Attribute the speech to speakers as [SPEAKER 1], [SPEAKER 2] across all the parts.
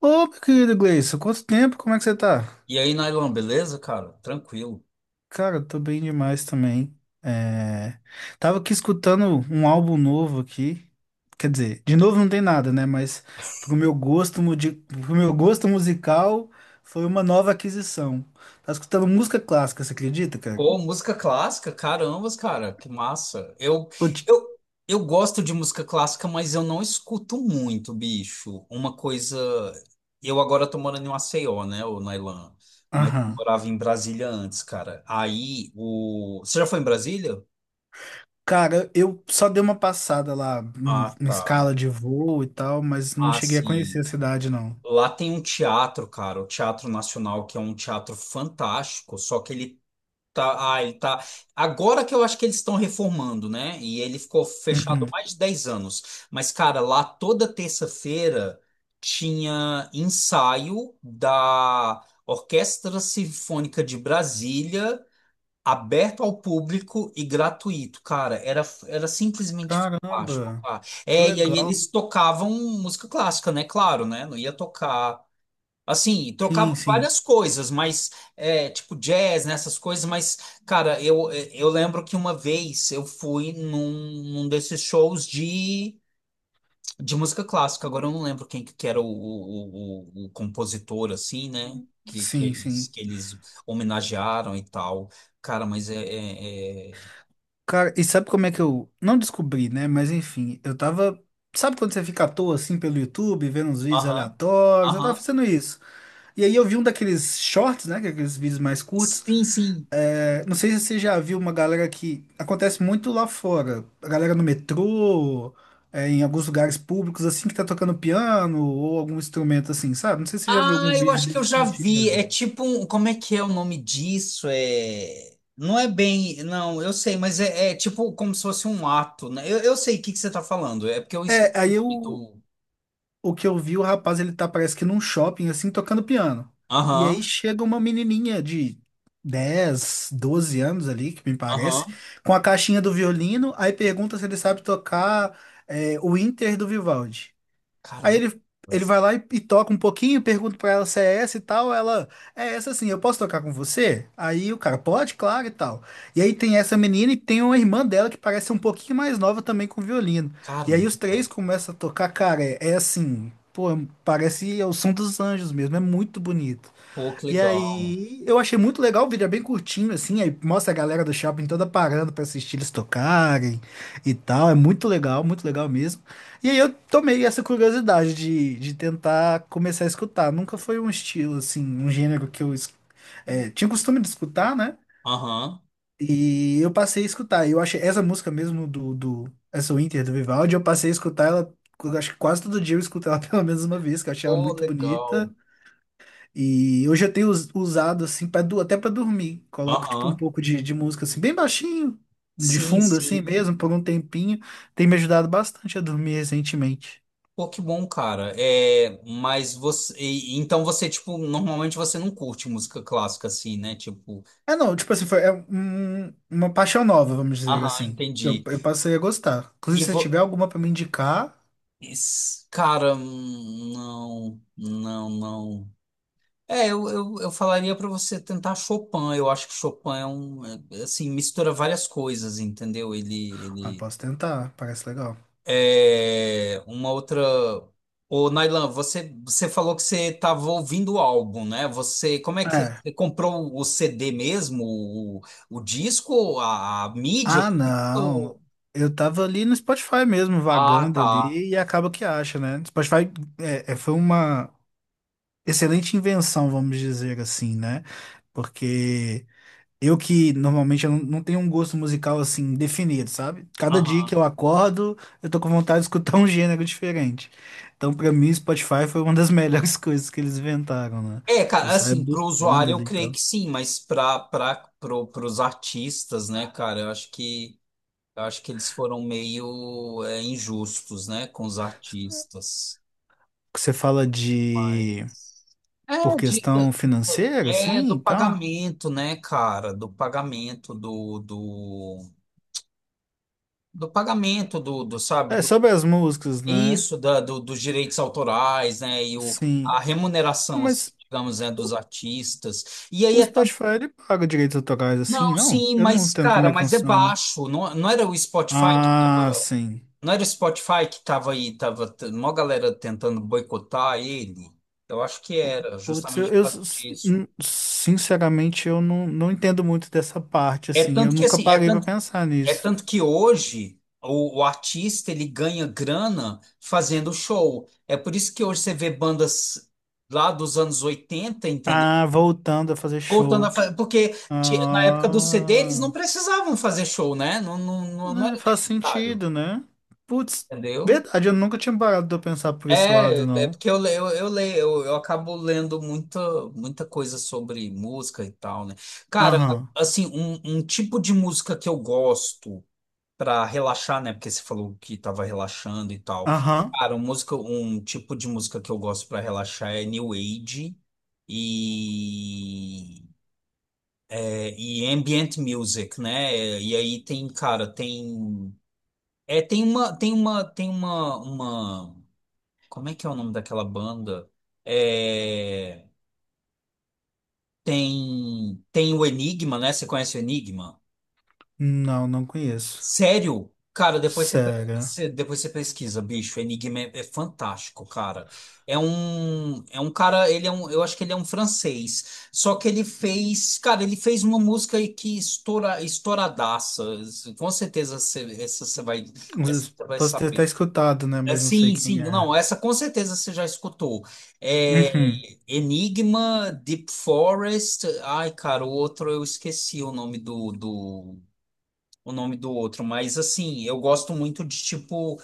[SPEAKER 1] Ô, meu querido Gleison, quanto tempo? Como é que você tá?
[SPEAKER 2] E aí, Nylon, beleza, cara? Tranquilo.
[SPEAKER 1] Cara, eu tô bem demais também. É, Tava aqui escutando um álbum novo aqui. Quer dizer, de novo não tem nada, né? Mas pro meu gosto, pro meu gosto musical, foi uma nova aquisição. Tava escutando música clássica, você acredita, cara?
[SPEAKER 2] Pô, música clássica, carambas, cara, que massa.
[SPEAKER 1] Pô, ti-
[SPEAKER 2] Eu, eu gosto de música clássica, mas eu não escuto muito, bicho. Uma coisa. Eu agora tô morando em Maceió, né, ô Nailan? Mas eu
[SPEAKER 1] Aham.
[SPEAKER 2] morava em Brasília antes, cara. Aí, o. Você já foi em Brasília?
[SPEAKER 1] Cara, eu só dei uma passada lá, em
[SPEAKER 2] Ah,
[SPEAKER 1] em
[SPEAKER 2] tá.
[SPEAKER 1] escala de voo e tal, mas não
[SPEAKER 2] Ah,
[SPEAKER 1] cheguei a conhecer
[SPEAKER 2] sim.
[SPEAKER 1] a cidade, não.
[SPEAKER 2] Lá tem um teatro, cara, o Teatro Nacional, que é um teatro fantástico, só que ele tá, ele tá. Agora que eu acho que eles estão reformando, né? E ele ficou fechado
[SPEAKER 1] Uhum.
[SPEAKER 2] mais de 10 anos. Mas, cara, lá toda terça-feira tinha ensaio da Orquestra Sinfônica de Brasília, aberto ao público e gratuito. Cara, era simplesmente fantástico,
[SPEAKER 1] Caramba,
[SPEAKER 2] cara.
[SPEAKER 1] que
[SPEAKER 2] É, e aí
[SPEAKER 1] legal.
[SPEAKER 2] eles tocavam música clássica, né? Claro, né? Não ia tocar. Assim,
[SPEAKER 1] Sim,
[SPEAKER 2] trocava
[SPEAKER 1] sim,
[SPEAKER 2] várias coisas, mas é, tipo jazz, né, essas coisas, mas, cara, eu lembro que uma vez eu fui num desses shows de música clássica, agora eu não lembro quem que era o compositor, assim, né? Que, que
[SPEAKER 1] sim,
[SPEAKER 2] eles,
[SPEAKER 1] sim.
[SPEAKER 2] que eles homenagearam e tal. Cara, mas é.
[SPEAKER 1] Cara, e sabe como é que eu não descobri, né? Mas enfim, eu tava. Sabe quando você fica à toa assim pelo YouTube, vendo uns vídeos
[SPEAKER 2] Aham,
[SPEAKER 1] aleatórios? Eu tava
[SPEAKER 2] aham.
[SPEAKER 1] fazendo isso. E aí eu vi um daqueles shorts, né, que é aqueles vídeos mais curtos.
[SPEAKER 2] Sim, sim.
[SPEAKER 1] Não sei se você já viu, uma galera que acontece muito lá fora. A galera no metrô, em alguns lugares públicos, assim, que tá tocando piano ou algum instrumento assim, sabe? Não sei se você já viu
[SPEAKER 2] Ah,
[SPEAKER 1] algum
[SPEAKER 2] eu
[SPEAKER 1] vídeo
[SPEAKER 2] acho que eu
[SPEAKER 1] desse
[SPEAKER 2] já vi. É
[SPEAKER 1] sentido.
[SPEAKER 2] tipo um. Como é que é o nome disso? É. Não é bem. Não, eu sei, mas é, é tipo como se fosse um ato, né? Eu sei o que que você tá falando. É porque eu
[SPEAKER 1] É,
[SPEAKER 2] esqueci o
[SPEAKER 1] aí
[SPEAKER 2] nome
[SPEAKER 1] eu
[SPEAKER 2] do.
[SPEAKER 1] O que eu vi, o rapaz, ele tá, parece que num shopping, assim, tocando piano. E aí
[SPEAKER 2] Aham,
[SPEAKER 1] chega uma menininha de 10, 12 anos ali, que me parece,
[SPEAKER 2] aham.
[SPEAKER 1] com a caixinha do violino, aí pergunta se ele sabe tocar o Inter do Vivaldi. Aí
[SPEAKER 2] Caramba.
[SPEAKER 1] ele vai lá e, toca um pouquinho, pergunta pra ela se é essa e tal. Ela, é essa sim, eu posso tocar com você? Aí o cara, pode, claro e tal. E aí tem essa menina e tem uma irmã dela que parece ser um pouquinho mais nova também com violino. E aí os três
[SPEAKER 2] Caramba.
[SPEAKER 1] começam a tocar, cara, é assim, pô, parece o som dos anjos mesmo, é muito bonito.
[SPEAKER 2] Pô, que
[SPEAKER 1] E
[SPEAKER 2] legal.
[SPEAKER 1] aí, eu achei muito legal, o vídeo é bem curtinho, assim, aí mostra a galera do shopping toda parando pra assistir eles tocarem e tal. É muito legal mesmo. E aí eu tomei essa curiosidade de, tentar começar a escutar. Nunca foi um estilo, assim, um gênero que eu tinha costume de escutar, né?
[SPEAKER 2] Aham.
[SPEAKER 1] E eu passei a escutar. E eu achei essa música mesmo do essa Winter do Vivaldi, eu passei a escutar ela, eu acho que quase todo dia eu escuto ela pelo menos uma vez, que eu achei ela
[SPEAKER 2] Pô,
[SPEAKER 1] muito bonita.
[SPEAKER 2] legal.
[SPEAKER 1] E hoje eu tenho usado assim para, até para dormir. Coloco tipo um
[SPEAKER 2] Aham.
[SPEAKER 1] pouco de música assim bem baixinho, de
[SPEAKER 2] Sim,
[SPEAKER 1] fundo assim
[SPEAKER 2] sim.
[SPEAKER 1] mesmo, por um tempinho. Tem me ajudado bastante a dormir recentemente.
[SPEAKER 2] Pô, que bom, cara. É, mas você. Então você, tipo, normalmente você não curte música clássica assim, né? Tipo.
[SPEAKER 1] É, não, tipo assim, foi uma paixão nova, vamos dizer
[SPEAKER 2] Aham,
[SPEAKER 1] assim. Eu,
[SPEAKER 2] entendi.
[SPEAKER 1] eu passei a gostar.
[SPEAKER 2] E
[SPEAKER 1] Inclusive, se você
[SPEAKER 2] vo...
[SPEAKER 1] tiver alguma para me indicar,
[SPEAKER 2] Cara, não, não, não. É, eu falaria para você tentar Chopin. Eu acho que Chopin é um, é, assim, mistura várias coisas, entendeu? Ele,
[SPEAKER 1] ah,
[SPEAKER 2] ele
[SPEAKER 1] posso tentar, parece legal.
[SPEAKER 2] é uma outra. Ô, Nailan, você falou que você estava ouvindo o álbum, né? Você, como é que
[SPEAKER 1] É.
[SPEAKER 2] você comprou o CD mesmo, o disco, a mídia?
[SPEAKER 1] Ah,
[SPEAKER 2] Ou-
[SPEAKER 1] não. Eu tava ali no Spotify mesmo,
[SPEAKER 2] Ah,
[SPEAKER 1] vagando
[SPEAKER 2] tá.
[SPEAKER 1] ali, e acaba que acha, né? Spotify foi uma excelente invenção, vamos dizer assim, né? Porque eu, que normalmente eu não tenho um gosto musical assim definido, sabe? Cada dia que
[SPEAKER 2] Aham.
[SPEAKER 1] eu acordo, eu tô com vontade de escutar um gênero diferente. Então, pra mim, Spotify foi uma das melhores coisas que eles inventaram, né?
[SPEAKER 2] É,
[SPEAKER 1] Eu
[SPEAKER 2] cara,
[SPEAKER 1] saio
[SPEAKER 2] assim, pro
[SPEAKER 1] buscando
[SPEAKER 2] usuário eu
[SPEAKER 1] ali e
[SPEAKER 2] creio
[SPEAKER 1] tal.
[SPEAKER 2] que sim, mas pros artistas, né, cara, eu acho que eles foram meio injustos, né, com os artistas.
[SPEAKER 1] Você fala de,
[SPEAKER 2] Mas.
[SPEAKER 1] por
[SPEAKER 2] É, de,
[SPEAKER 1] questão financeira,
[SPEAKER 2] é
[SPEAKER 1] assim,
[SPEAKER 2] do
[SPEAKER 1] e tal.
[SPEAKER 2] pagamento, né, cara? Do pagamento do, sabe,
[SPEAKER 1] É
[SPEAKER 2] do,
[SPEAKER 1] sobre as músicas, né?
[SPEAKER 2] isso, da, do, dos direitos autorais, né? E
[SPEAKER 1] Sim.
[SPEAKER 2] a
[SPEAKER 1] Ah,
[SPEAKER 2] remuneração, assim,
[SPEAKER 1] mas
[SPEAKER 2] digamos, né, dos artistas. E aí
[SPEAKER 1] o
[SPEAKER 2] é
[SPEAKER 1] Spotify, ele paga direitos autorais assim,
[SPEAKER 2] Não,
[SPEAKER 1] não?
[SPEAKER 2] sim,
[SPEAKER 1] Eu não
[SPEAKER 2] mas,
[SPEAKER 1] entendo como
[SPEAKER 2] cara,
[SPEAKER 1] é que
[SPEAKER 2] mas é
[SPEAKER 1] funciona.
[SPEAKER 2] baixo. Não, não era o Spotify que
[SPEAKER 1] Ah,
[SPEAKER 2] tava.
[SPEAKER 1] sim.
[SPEAKER 2] Não era o Spotify que tava aí, tava mó galera tentando boicotar ele. Eu acho que era,
[SPEAKER 1] Putz,
[SPEAKER 2] justamente por causa disso.
[SPEAKER 1] sinceramente eu não entendo muito dessa parte,
[SPEAKER 2] É
[SPEAKER 1] assim. Eu
[SPEAKER 2] tanto que
[SPEAKER 1] nunca
[SPEAKER 2] assim, é
[SPEAKER 1] parei pra
[SPEAKER 2] tanto,
[SPEAKER 1] pensar
[SPEAKER 2] é
[SPEAKER 1] nisso.
[SPEAKER 2] tanto que hoje o artista ele ganha grana fazendo show. É por isso que hoje você vê bandas lá dos anos 80, entendeu?
[SPEAKER 1] Ah, voltando a fazer
[SPEAKER 2] Voltando a
[SPEAKER 1] show.
[SPEAKER 2] fazer, porque na época do CD eles não
[SPEAKER 1] Ah,
[SPEAKER 2] precisavam fazer show, né? Não, não, não
[SPEAKER 1] né,
[SPEAKER 2] era
[SPEAKER 1] faz
[SPEAKER 2] necessário.
[SPEAKER 1] sentido, né? Putz,
[SPEAKER 2] Entendeu?
[SPEAKER 1] verdade, eu nunca tinha parado de pensar por esse lado,
[SPEAKER 2] É
[SPEAKER 1] não.
[SPEAKER 2] porque eu leio, eu acabo lendo muita, muita coisa sobre música e tal, né? Cara,
[SPEAKER 1] Aham,
[SPEAKER 2] assim, um tipo de música que eu gosto pra relaxar, né? Porque você falou que tava relaxando e tal.
[SPEAKER 1] aham.
[SPEAKER 2] Cara, um tipo de música que eu gosto pra relaxar é New Age e, e Ambient Music, né? E aí tem, cara, tem. É, tem uma Como é que é o nome daquela banda? É, tem o Enigma, né? Você conhece o Enigma?
[SPEAKER 1] Não, não conheço.
[SPEAKER 2] Sério? Cara, depois você,
[SPEAKER 1] Sério.
[SPEAKER 2] depois você pesquisa, bicho. O Enigma é fantástico, cara. É um cara, eu acho que ele é um francês. Só que ele fez, cara, ele fez uma música aí que estouradaça. Com certeza você,
[SPEAKER 1] Às
[SPEAKER 2] essa
[SPEAKER 1] vezes
[SPEAKER 2] você vai
[SPEAKER 1] posso ter até
[SPEAKER 2] saber.
[SPEAKER 1] escutado, né?
[SPEAKER 2] É,
[SPEAKER 1] Mas não sei
[SPEAKER 2] sim, sim,
[SPEAKER 1] quem é.
[SPEAKER 2] não, essa com certeza você já escutou. É,
[SPEAKER 1] Uhum.
[SPEAKER 2] Enigma, Deep Forest, ai, cara, o outro eu esqueci o nome o nome do outro, mas assim, eu gosto muito de tipo,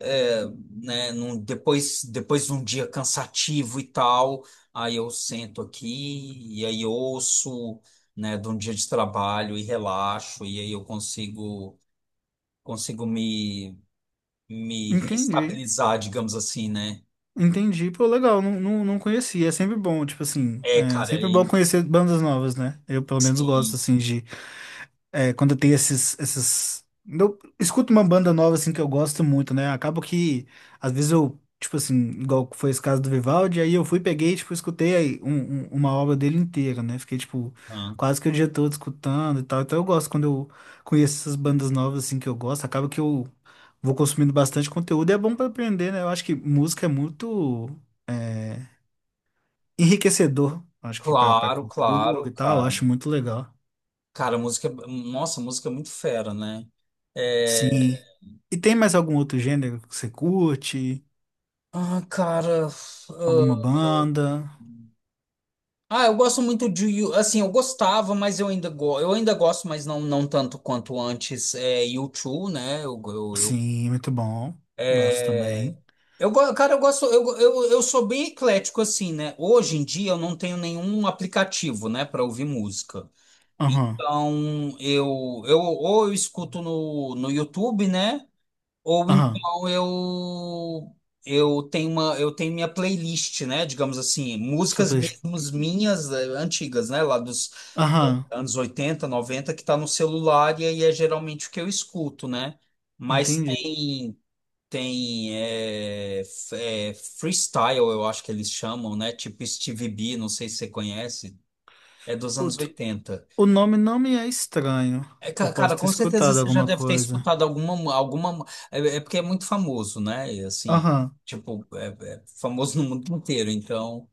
[SPEAKER 2] é, né, depois de um dia cansativo e tal, aí eu sento aqui e aí ouço, né, de um dia de trabalho e relaxo, e aí eu consigo, consigo me, me
[SPEAKER 1] Entendi.
[SPEAKER 2] reestabilizar, digamos assim, né?
[SPEAKER 1] Entendi. Pô, legal. Não, não, não conhecia. É sempre bom, tipo assim.
[SPEAKER 2] É,
[SPEAKER 1] É
[SPEAKER 2] cara,
[SPEAKER 1] sempre bom
[SPEAKER 2] e
[SPEAKER 1] conhecer bandas novas, né? Eu, pelo menos, gosto,
[SPEAKER 2] sim.
[SPEAKER 1] assim, de, quando tem. Eu escuto uma banda nova, assim, que eu gosto muito, né? Acabo que, às vezes eu, tipo assim, igual foi esse caso do Vivaldi, aí eu fui, peguei, tipo, escutei aí uma obra dele inteira, né? Fiquei, tipo,
[SPEAKER 2] ah,
[SPEAKER 1] quase que o dia todo escutando e tal. Então eu gosto quando eu conheço essas bandas novas, assim, que eu gosto. Acaba que eu vou consumindo bastante conteúdo e é bom pra aprender, né? Eu acho que música é muito enriquecedor. Acho que pra,
[SPEAKER 2] Claro,
[SPEAKER 1] cultura
[SPEAKER 2] claro,
[SPEAKER 1] e tal, eu
[SPEAKER 2] cara.
[SPEAKER 1] acho muito legal.
[SPEAKER 2] Cara, música. Nossa, música é muito fera, né? É,
[SPEAKER 1] Sim. E tem mais algum outro gênero que você curte?
[SPEAKER 2] cara.
[SPEAKER 1] Alguma banda?
[SPEAKER 2] Ah, eu gosto muito de assim, eu gostava, mas eu ainda gosto, mas não tanto quanto antes. É U2, né?
[SPEAKER 1] Sim, muito bom. Gosto também.
[SPEAKER 2] Cara, eu gosto, eu sou bem eclético assim, né? Hoje em dia eu não tenho nenhum aplicativo, né, para ouvir música.
[SPEAKER 1] Aham,
[SPEAKER 2] Então, eu escuto no YouTube, né? Ou
[SPEAKER 1] aham.
[SPEAKER 2] então eu tenho minha playlist, né? Digamos assim,
[SPEAKER 1] Só
[SPEAKER 2] músicas
[SPEAKER 1] pra... deixar-
[SPEAKER 2] mesmo minhas antigas, né? Lá dos
[SPEAKER 1] Aham,
[SPEAKER 2] anos 80 90 que tá no celular e aí é geralmente o que eu escuto, né? Mas
[SPEAKER 1] entendi.
[SPEAKER 2] tem freestyle, eu acho que eles chamam, né? Tipo Stevie B, não sei se você conhece, é dos anos
[SPEAKER 1] Putz,
[SPEAKER 2] oitenta
[SPEAKER 1] o nome não me é estranho.
[SPEAKER 2] É,
[SPEAKER 1] Eu posso
[SPEAKER 2] cara,
[SPEAKER 1] ter
[SPEAKER 2] com certeza
[SPEAKER 1] escutado
[SPEAKER 2] você já
[SPEAKER 1] alguma
[SPEAKER 2] deve ter
[SPEAKER 1] coisa.
[SPEAKER 2] escutado é porque é muito famoso, né? E, assim,
[SPEAKER 1] Aham,
[SPEAKER 2] tipo, é famoso no mundo inteiro, então,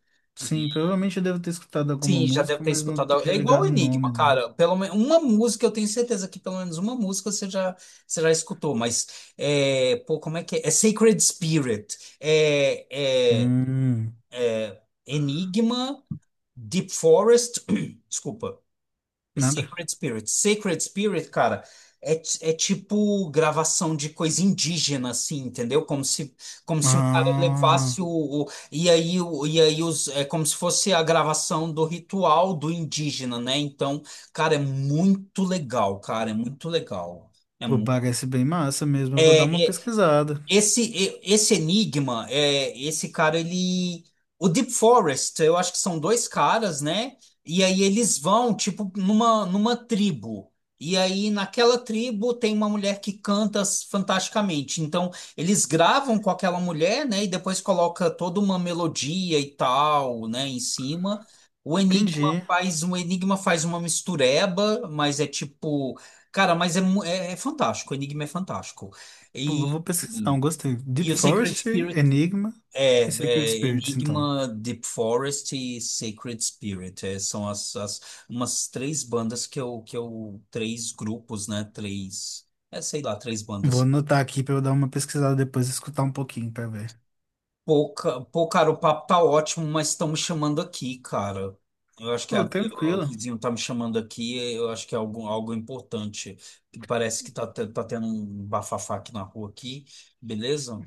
[SPEAKER 2] e,
[SPEAKER 1] sim, provavelmente eu devo ter escutado alguma
[SPEAKER 2] sim, já deve
[SPEAKER 1] música,
[SPEAKER 2] ter
[SPEAKER 1] mas não
[SPEAKER 2] escutado.
[SPEAKER 1] esteja
[SPEAKER 2] É igual o
[SPEAKER 1] ligado o
[SPEAKER 2] Enigma,
[SPEAKER 1] nome, né?
[SPEAKER 2] cara. Pelo menos uma música, eu tenho certeza que pelo menos uma música você já escutou, mas é, pô, como é que é? É Sacred Spirit, é
[SPEAKER 1] Hum,
[SPEAKER 2] Enigma, Deep Forest, desculpa. E
[SPEAKER 1] nada.
[SPEAKER 2] Sacred Spirit. Sacred Spirit, cara, é tipo gravação de coisa indígena, assim, entendeu? Como se um cara levasse
[SPEAKER 1] Ah,
[SPEAKER 2] é como se fosse a gravação do ritual do indígena, né? Então, cara, é muito legal, cara, é muito legal. É,
[SPEAKER 1] pô,
[SPEAKER 2] mu-
[SPEAKER 1] parece bem massa mesmo. Eu vou dar uma
[SPEAKER 2] é, é,
[SPEAKER 1] pesquisada.
[SPEAKER 2] esse Enigma, esse cara, ele. O Deep Forest, eu acho que são dois caras, né? E aí eles vão, tipo, numa tribo. E aí naquela tribo tem uma mulher que canta fantasticamente. Então eles gravam com aquela mulher, né? E depois coloca toda uma melodia e tal, né? Em cima. O Enigma
[SPEAKER 1] Entendi.
[SPEAKER 2] faz uma mistureba, mas é tipo. Cara, mas é fantástico. O Enigma é fantástico.
[SPEAKER 1] Pô, eu
[SPEAKER 2] E.
[SPEAKER 1] vou pesquisar, um, gostei.
[SPEAKER 2] E
[SPEAKER 1] Deep
[SPEAKER 2] o Sacred
[SPEAKER 1] Forest,
[SPEAKER 2] Spirit
[SPEAKER 1] Enigma
[SPEAKER 2] é,
[SPEAKER 1] e Secret
[SPEAKER 2] é
[SPEAKER 1] Spirits, então.
[SPEAKER 2] Enigma, Deep Forest e Sacred Spirit. É, são as, as umas três bandas que eu, que eu. Três grupos, né? Três. É, sei lá, três
[SPEAKER 1] Vou
[SPEAKER 2] bandas.
[SPEAKER 1] anotar aqui pra eu dar uma pesquisada depois e escutar um pouquinho pra ver.
[SPEAKER 2] Pô, cara, o papo tá ótimo, mas estão me chamando aqui, cara. Eu acho que
[SPEAKER 1] Ô,
[SPEAKER 2] o
[SPEAKER 1] tranquilo.
[SPEAKER 2] vizinho tá me chamando aqui, eu acho que é algo importante. Parece que tá tendo um bafafá aqui na rua aqui, beleza?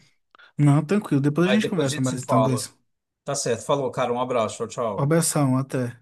[SPEAKER 1] Não, tranquilo. Depois a
[SPEAKER 2] Aí
[SPEAKER 1] gente
[SPEAKER 2] depois a
[SPEAKER 1] conversa
[SPEAKER 2] gente se
[SPEAKER 1] mais então,
[SPEAKER 2] fala.
[SPEAKER 1] Gleison.
[SPEAKER 2] Tá certo. Falou, cara. Um abraço. Tchau,
[SPEAKER 1] Um
[SPEAKER 2] tchau.
[SPEAKER 1] abração, até.